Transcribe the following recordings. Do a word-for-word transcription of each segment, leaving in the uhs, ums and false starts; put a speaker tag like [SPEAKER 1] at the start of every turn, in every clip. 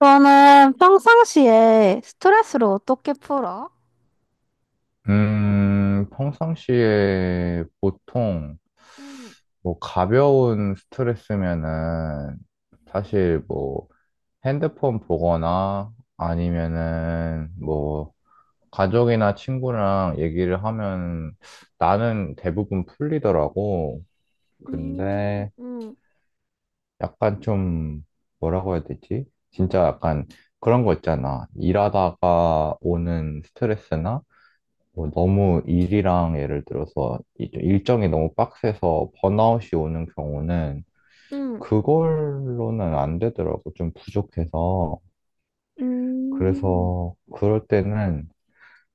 [SPEAKER 1] 너는 평상시에 스트레스를 어떻게 풀어?
[SPEAKER 2] 음, 평상시에 보통
[SPEAKER 1] 음,
[SPEAKER 2] 뭐 가벼운 스트레스면은 사실 뭐 핸드폰 보거나 아니면은 뭐 가족이나 친구랑 얘기를 하면 나는 대부분 풀리더라고.
[SPEAKER 1] 음,
[SPEAKER 2] 근데
[SPEAKER 1] 음,
[SPEAKER 2] 약간 좀 뭐라고 해야 되지? 진짜 약간 그런 거 있잖아. 일하다가 오는 스트레스나 뭐 너무 일이랑 예를 들어서 이- 일정이 너무 빡세서 번아웃이 오는 경우는
[SPEAKER 1] 음,
[SPEAKER 2] 그걸로는 안 되더라고. 좀 부족해서.
[SPEAKER 1] 음,
[SPEAKER 2] 그래서 그럴 때는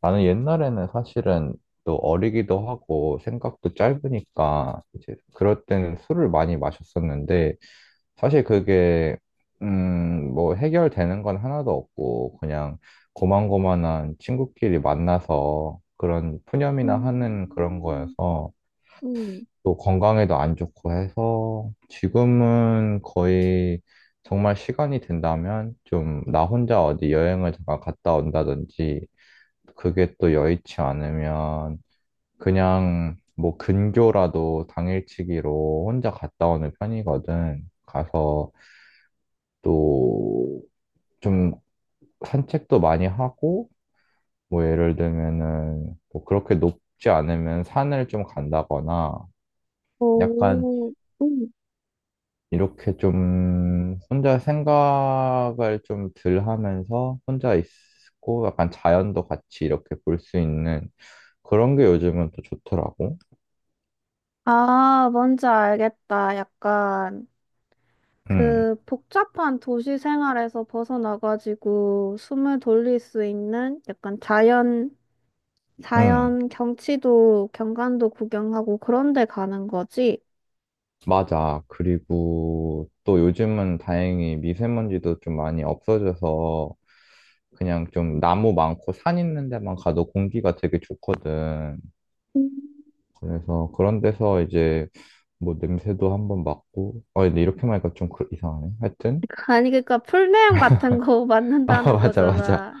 [SPEAKER 2] 나는 옛날에는 사실은 또 어리기도 하고 생각도 짧으니까 이제 그럴 때는 술을 많이 마셨었는데 사실 그게 음, 뭐 해결되는 건 하나도 없고 그냥 고만고만한 친구끼리 만나서 그런 푸념이나 하는 그런
[SPEAKER 1] 음,
[SPEAKER 2] 거여서
[SPEAKER 1] 음,
[SPEAKER 2] 또 건강에도 안 좋고 해서 지금은 거의 정말 시간이 된다면 좀 나 혼자 어디 여행을 잠깐 갔다 온다든지 그게 또 여의치 않으면 그냥 뭐 근교라도 당일치기로 혼자 갔다 오는 편이거든. 가서 또 좀 산책도 많이 하고 뭐 예를 들면은 뭐 그렇게 높지 않으면 산을 좀 간다거나 약간
[SPEAKER 1] 오, 음.
[SPEAKER 2] 이렇게 좀 혼자 생각을 좀 덜 하면서 혼자 있고 약간 자연도 같이 이렇게 볼 수 있는 그런 게 요즘은 또 좋더라고.
[SPEAKER 1] 아, 뭔지 알겠다. 약간
[SPEAKER 2] 응,
[SPEAKER 1] 그 복잡한 도시 생활에서 벗어나가지고 숨을 돌릴 수 있는 약간 자연,
[SPEAKER 2] 응.
[SPEAKER 1] 자연 경치도, 경관도 구경하고 그런 데 가는 거지?
[SPEAKER 2] 맞아. 그리고 또 요즘은 다행히 미세먼지도 좀 많이 없어져서 그냥 좀 나무 많고 산 있는 데만 가도 공기가 되게 좋거든. 그래서 그런 데서 이제 뭐 냄새도 한번 맡고. 아, 근데 이렇게 말하니까 좀 그- 이상하네. 하여튼.
[SPEAKER 1] 아니, 그러니까 풀네임 같은 거
[SPEAKER 2] 아,
[SPEAKER 1] 만든다는
[SPEAKER 2] 맞아, 맞아.
[SPEAKER 1] 거잖아.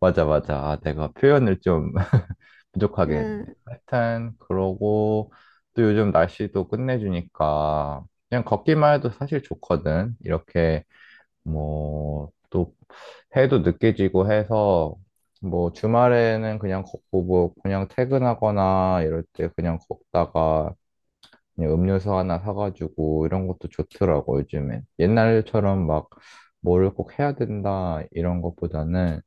[SPEAKER 2] 맞아, 맞아. 아, 내가 표현을 좀 부족하게 했네.
[SPEAKER 1] 응.
[SPEAKER 2] 하여튼, 그러고 또 요즘 날씨도 끝내주니까 그냥 걷기만 해도 사실 좋거든. 이렇게 뭐, 또, 해도 늦게 지고 해서, 뭐, 주말에는 그냥 걷고, 뭐, 그냥 퇴근하거나 이럴 때 그냥 걷다가, 그냥 음료수 하나 사가지고, 이런 것도 좋더라고, 요즘엔. 옛날처럼 막, 뭐를 꼭 해야 된다, 이런 것보다는,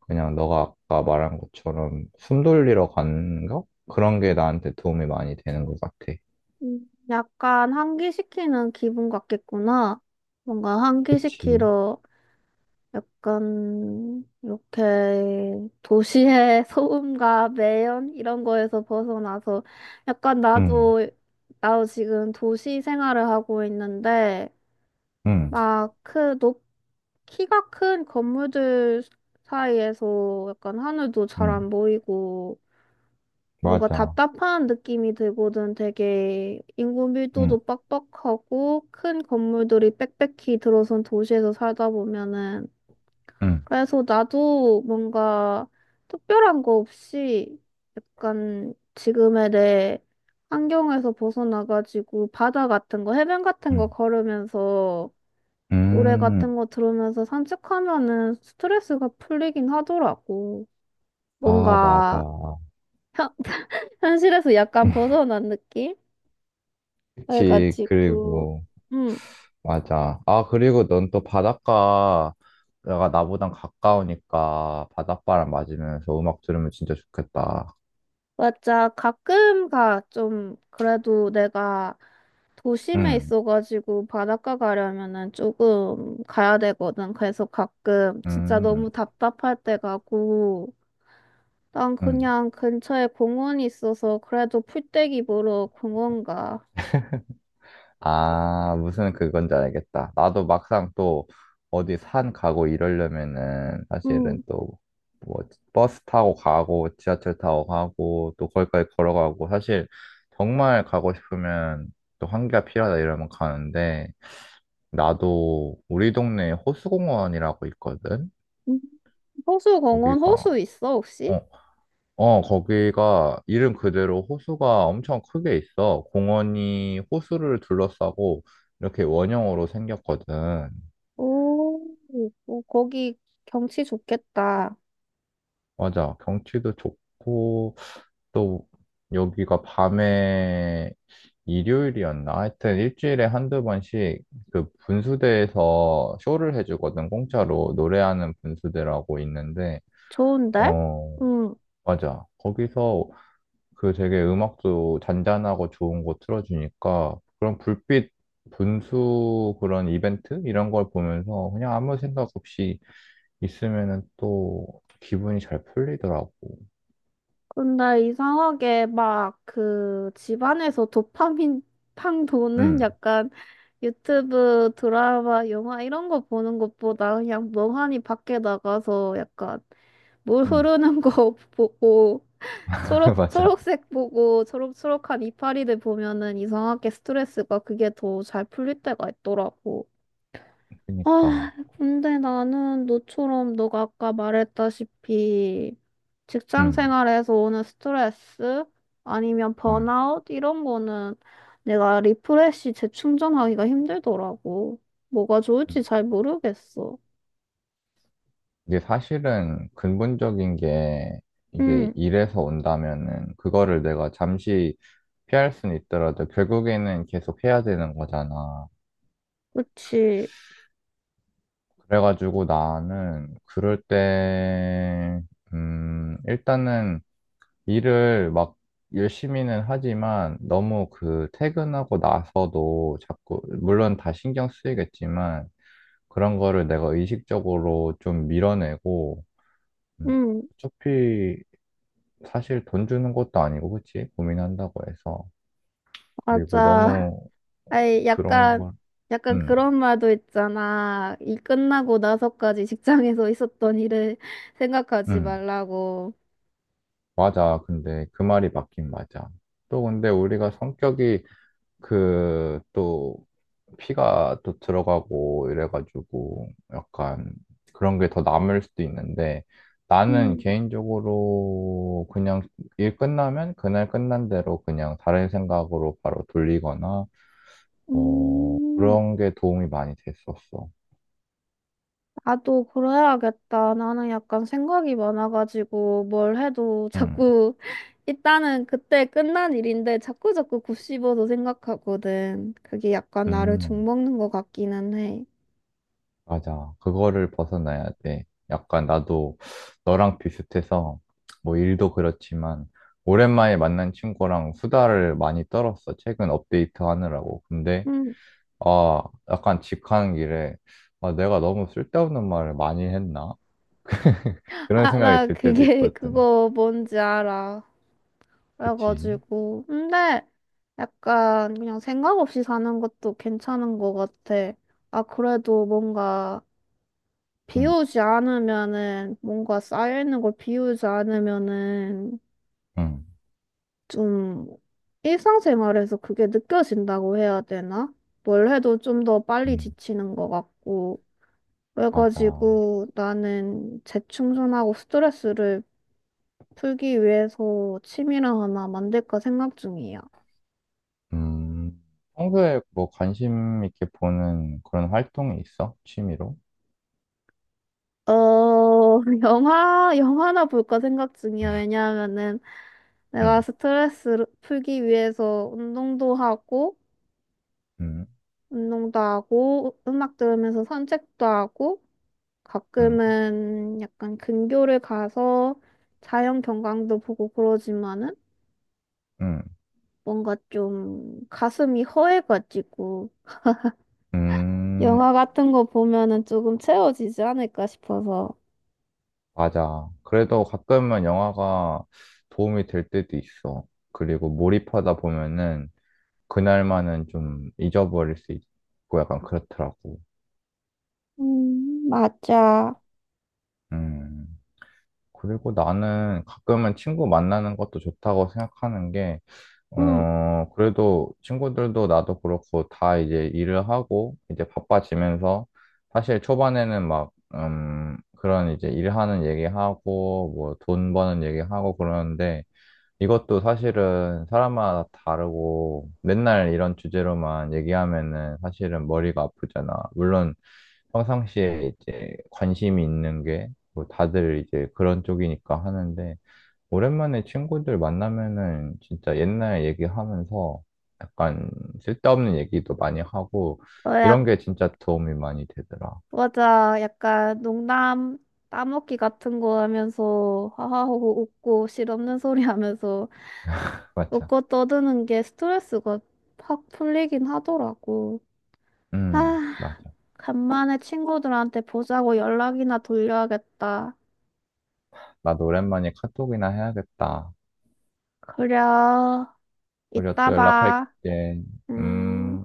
[SPEAKER 2] 그냥 너가 아까 말한 것처럼 숨 돌리러 가는 거? 그런 게 나한테 도움이 많이 되는 것 같아.
[SPEAKER 1] 음, 약간 환기시키는 기분 같겠구나. 뭔가
[SPEAKER 2] 그치.
[SPEAKER 1] 환기시키러 약간 이렇게 도시의 소음과 매연 이런 거에서 벗어나서 약간
[SPEAKER 2] 응,
[SPEAKER 1] 나도 나도 지금 도시 생활을 하고 있는데
[SPEAKER 2] 응,
[SPEAKER 1] 막 그 높 키가 큰 건물들 사이에서 약간 하늘도 잘
[SPEAKER 2] 응,
[SPEAKER 1] 안 보이고 뭔가
[SPEAKER 2] 맞아.
[SPEAKER 1] 답답한 느낌이 들거든. 되게 인구
[SPEAKER 2] 응,
[SPEAKER 1] 밀도도 빡빡하고 큰 건물들이 빽빽히 들어선 도시에서 살다 보면은.
[SPEAKER 2] 응,
[SPEAKER 1] 그래서 나도 뭔가 특별한 거 없이 약간 지금의 내 환경에서 벗어나가지고 바다 같은 거, 해변 같은 거
[SPEAKER 2] 응.
[SPEAKER 1] 걸으면서 노래
[SPEAKER 2] 음.
[SPEAKER 1] 같은 거 들으면서 산책하면은 스트레스가 풀리긴 하더라고.
[SPEAKER 2] 아,
[SPEAKER 1] 뭔가
[SPEAKER 2] 맞아.
[SPEAKER 1] 현, 현실에서 약간 벗어난 느낌?
[SPEAKER 2] 그치,
[SPEAKER 1] 그래가지고.
[SPEAKER 2] 그리고,
[SPEAKER 1] 음.
[SPEAKER 2] 맞아. 아, 그리고 넌 또 바닷가가 나보단 가까우니까 바닷바람 맞으면서 음악 들으면 진짜 좋겠다.
[SPEAKER 1] 맞아. 가끔가 좀, 그래도 내가 도심에
[SPEAKER 2] 응,
[SPEAKER 1] 있어가지고 바닷가 가려면은 조금 가야 되거든. 그래서 가끔 진짜
[SPEAKER 2] 응,
[SPEAKER 1] 너무 답답할 때 가고, 난
[SPEAKER 2] 응.
[SPEAKER 1] 그냥 근처에 공원이 있어서 그래도 풀떼기 보러 공원 가.
[SPEAKER 2] 아, 무슨 그건지 알겠다. 나도 막상 또 어디 산 가고 이러려면은
[SPEAKER 1] 응.
[SPEAKER 2] 사실은 또 뭐 버스 타고 가고 지하철 타고 가고 또 거기까지 걸어가고 사실 정말 가고 싶으면 또 환기가 필요하다 이러면 가는데 나도 우리 동네에 호수공원이라고 있거든?
[SPEAKER 1] 음. 호수 공원,
[SPEAKER 2] 거기가,
[SPEAKER 1] 호수 있어, 혹시?
[SPEAKER 2] 어, 어, 거기가 이름 그대로 호수가 엄청 크게 있어. 공원이 호수를 둘러싸고 이렇게 원형으로 생겼거든.
[SPEAKER 1] 오, 오, 거기 경치 좋겠다.
[SPEAKER 2] 맞아. 경치도 좋고, 또 여기가 밤에 일요일이었나? 하여튼 일주일에 한두 번씩 그 분수대에서 쇼를 해주거든. 공짜로 노래하는 분수대라고 있는데,
[SPEAKER 1] 좋은데?
[SPEAKER 2] 어,
[SPEAKER 1] 응.
[SPEAKER 2] 맞아. 거기서 그 되게 음악도 잔잔하고 좋은 거 틀어주니까 그런 불빛 분수 그런 이벤트 이런 걸 보면서 그냥 아무 생각 없이 있으면은 또 기분이 잘 풀리더라고.
[SPEAKER 1] 근데 이상하게 막 그 집안에서 도파민 팡 도는
[SPEAKER 2] 응,
[SPEAKER 1] 약간 유튜브 드라마, 영화 이런 거 보는 것보다 그냥 멍하니 밖에 나가서 약간 물
[SPEAKER 2] 응,
[SPEAKER 1] 흐르는 거 보고 초록,
[SPEAKER 2] 맞아.
[SPEAKER 1] 초록색 보고 초록초록한 이파리들 보면은 이상하게 스트레스가 그게 더 잘 풀릴 때가 있더라고. 아,
[SPEAKER 2] 그러니까,
[SPEAKER 1] 근데 나는 너처럼 너가 아까 말했다시피 직장
[SPEAKER 2] 응,
[SPEAKER 1] 생활에서 오는 스트레스 아니면
[SPEAKER 2] 응.
[SPEAKER 1] 번아웃 이런 거는 내가 리프레시 재충전하기가 힘들더라고. 뭐가
[SPEAKER 2] 응.
[SPEAKER 1] 좋을지 잘 모르겠어.
[SPEAKER 2] 이게 사실은 근본적인 게 이게
[SPEAKER 1] 응,
[SPEAKER 2] 일에서 온다면은 그거를 내가 잠시 피할 수는 있더라도 결국에는 계속 해야 되는 거잖아.
[SPEAKER 1] 그치.
[SPEAKER 2] 그래가지고 나는 그럴 때, 음, 일단은 일을 막 열심히는 하지만 너무 그 퇴근하고 나서도 자꾸, 물론 다 신경 쓰이겠지만 그런 거를 내가 의식적으로 좀 밀어내고, 음,
[SPEAKER 1] 응,
[SPEAKER 2] 어차피 사실 돈 주는 것도 아니고, 그치? 고민한다고 해서.
[SPEAKER 1] 맞아.
[SPEAKER 2] 그리고 너무
[SPEAKER 1] 아이,
[SPEAKER 2] 그런
[SPEAKER 1] 약간,
[SPEAKER 2] 걸,
[SPEAKER 1] 약간
[SPEAKER 2] 음,
[SPEAKER 1] 그런 말도 있잖아. 이 끝나고 나서까지 직장에서 있었던 일을 생각하지
[SPEAKER 2] 음,
[SPEAKER 1] 말라고.
[SPEAKER 2] 맞아. 근데 그 말이 맞긴 맞아. 또 근데 우리가 성격이 그 또 피가 또 들어가고 이래가지고 약간 그런 게 더 남을 수도 있는데 나는
[SPEAKER 1] 응.
[SPEAKER 2] 개인적으로 그냥 일 끝나면 그날 끝난 대로 그냥 다른 생각으로 바로 돌리거나 뭐
[SPEAKER 1] 음,
[SPEAKER 2] 그런 게 도움이 많이 됐었어.
[SPEAKER 1] 나도 그래야겠다. 나는 약간 생각이 많아가지고 뭘 해도
[SPEAKER 2] 음.
[SPEAKER 1] 자꾸 일단은 그때 끝난 일인데 자꾸 자꾸 곱씹어서 생각하거든. 그게 약간 나를
[SPEAKER 2] 음.
[SPEAKER 1] 종먹는 것 같기는 해.
[SPEAKER 2] 맞아. 그거를 벗어나야 돼. 약간 나도 너랑 비슷해서 뭐 일도 그렇지만 오랜만에 만난 친구랑 수다를 많이 떨었어. 최근 업데이트 하느라고. 근데
[SPEAKER 1] 음,
[SPEAKER 2] 아, 약간 집 가는 길에 아, 내가 너무 쓸데없는 말을 많이 했나? 그런
[SPEAKER 1] 아,
[SPEAKER 2] 생각이
[SPEAKER 1] 나
[SPEAKER 2] 들 때도
[SPEAKER 1] 그게
[SPEAKER 2] 있거든.
[SPEAKER 1] 그거 뭔지 알아.
[SPEAKER 2] 그치?
[SPEAKER 1] 그래가지고 근데 약간 그냥 생각 없이 사는 것도 괜찮은 것 같아. 아, 그래도 뭔가
[SPEAKER 2] 응,
[SPEAKER 1] 비우지 않으면은 뭔가 쌓여있는 걸 비우지 않으면은
[SPEAKER 2] 응,
[SPEAKER 1] 좀 일상생활에서 그게 느껴진다고 해야 되나? 뭘 해도 좀 더 빨리
[SPEAKER 2] 응.
[SPEAKER 1] 지치는 것 같고
[SPEAKER 2] 맞아.
[SPEAKER 1] 그래가지고 나는 재충전하고 스트레스를 풀기 위해서 취미를 하나 만들까 생각 중이야.
[SPEAKER 2] 음, 평소에 뭐 관심 있게 보는 그런 활동이 있어? 취미로?
[SPEAKER 1] 어, 영화, 영화나 볼까 생각 중이야. 왜냐하면은
[SPEAKER 2] 응,
[SPEAKER 1] 내가 스트레스 풀기 위해서 운동도 하고
[SPEAKER 2] 응,
[SPEAKER 1] 운동도 하고, 음악 들으면서 산책도 하고,
[SPEAKER 2] 응,
[SPEAKER 1] 가끔은 약간 근교를 가서 자연 경관도 보고 그러지만은
[SPEAKER 2] 응.
[SPEAKER 1] 뭔가 좀 가슴이 허해가지고
[SPEAKER 2] 음,
[SPEAKER 1] 영화 같은 거 보면은 조금 채워지지 않을까 싶어서.
[SPEAKER 2] 맞아. 그래도 가끔은 영화가 도움이 될 때도 있어. 그리고 몰입하다 보면은 그날만은 좀 잊어버릴 수 있고 약간 그렇더라고.
[SPEAKER 1] 음, 맞아.
[SPEAKER 2] 음. 그리고 나는 가끔은 친구 만나는 것도 좋다고 생각하는 게,
[SPEAKER 1] 음,
[SPEAKER 2] 어, 그래도 친구들도 나도 그렇고 다 이제 일을 하고 이제 바빠지면서 사실 초반에는 막, 음, 그런 이제 일하는 얘기하고 뭐 돈 버는 얘기하고 그러는데 이것도 사실은 사람마다 다르고 맨날 이런 주제로만 얘기하면은 사실은 머리가 아프잖아. 물론 평상시에 이제 관심이 있는 게 뭐 다들 이제 그런 쪽이니까 하는데 오랜만에 친구들 만나면은 진짜 옛날 얘기하면서 약간 쓸데없는 얘기도 많이 하고
[SPEAKER 1] 어,
[SPEAKER 2] 이런
[SPEAKER 1] 약,
[SPEAKER 2] 게 진짜 도움이 많이 되더라.
[SPEAKER 1] 맞아. 약간 농담 따먹기 같은 거 하면서 하하호호 웃고 실없는 소리 하면서
[SPEAKER 2] 맞아.
[SPEAKER 1] 웃고 떠드는 게 스트레스가 확 풀리긴 하더라고.
[SPEAKER 2] 음,
[SPEAKER 1] 아,
[SPEAKER 2] 맞아.
[SPEAKER 1] 간만에 친구들한테 보자고 연락이나 돌려야겠다.
[SPEAKER 2] 나도 오랜만에 카톡이나 해야겠다.
[SPEAKER 1] 그래,
[SPEAKER 2] 우리가
[SPEAKER 1] 이따
[SPEAKER 2] 또
[SPEAKER 1] 봐.
[SPEAKER 2] 연락할게.
[SPEAKER 1] 음.
[SPEAKER 2] 음.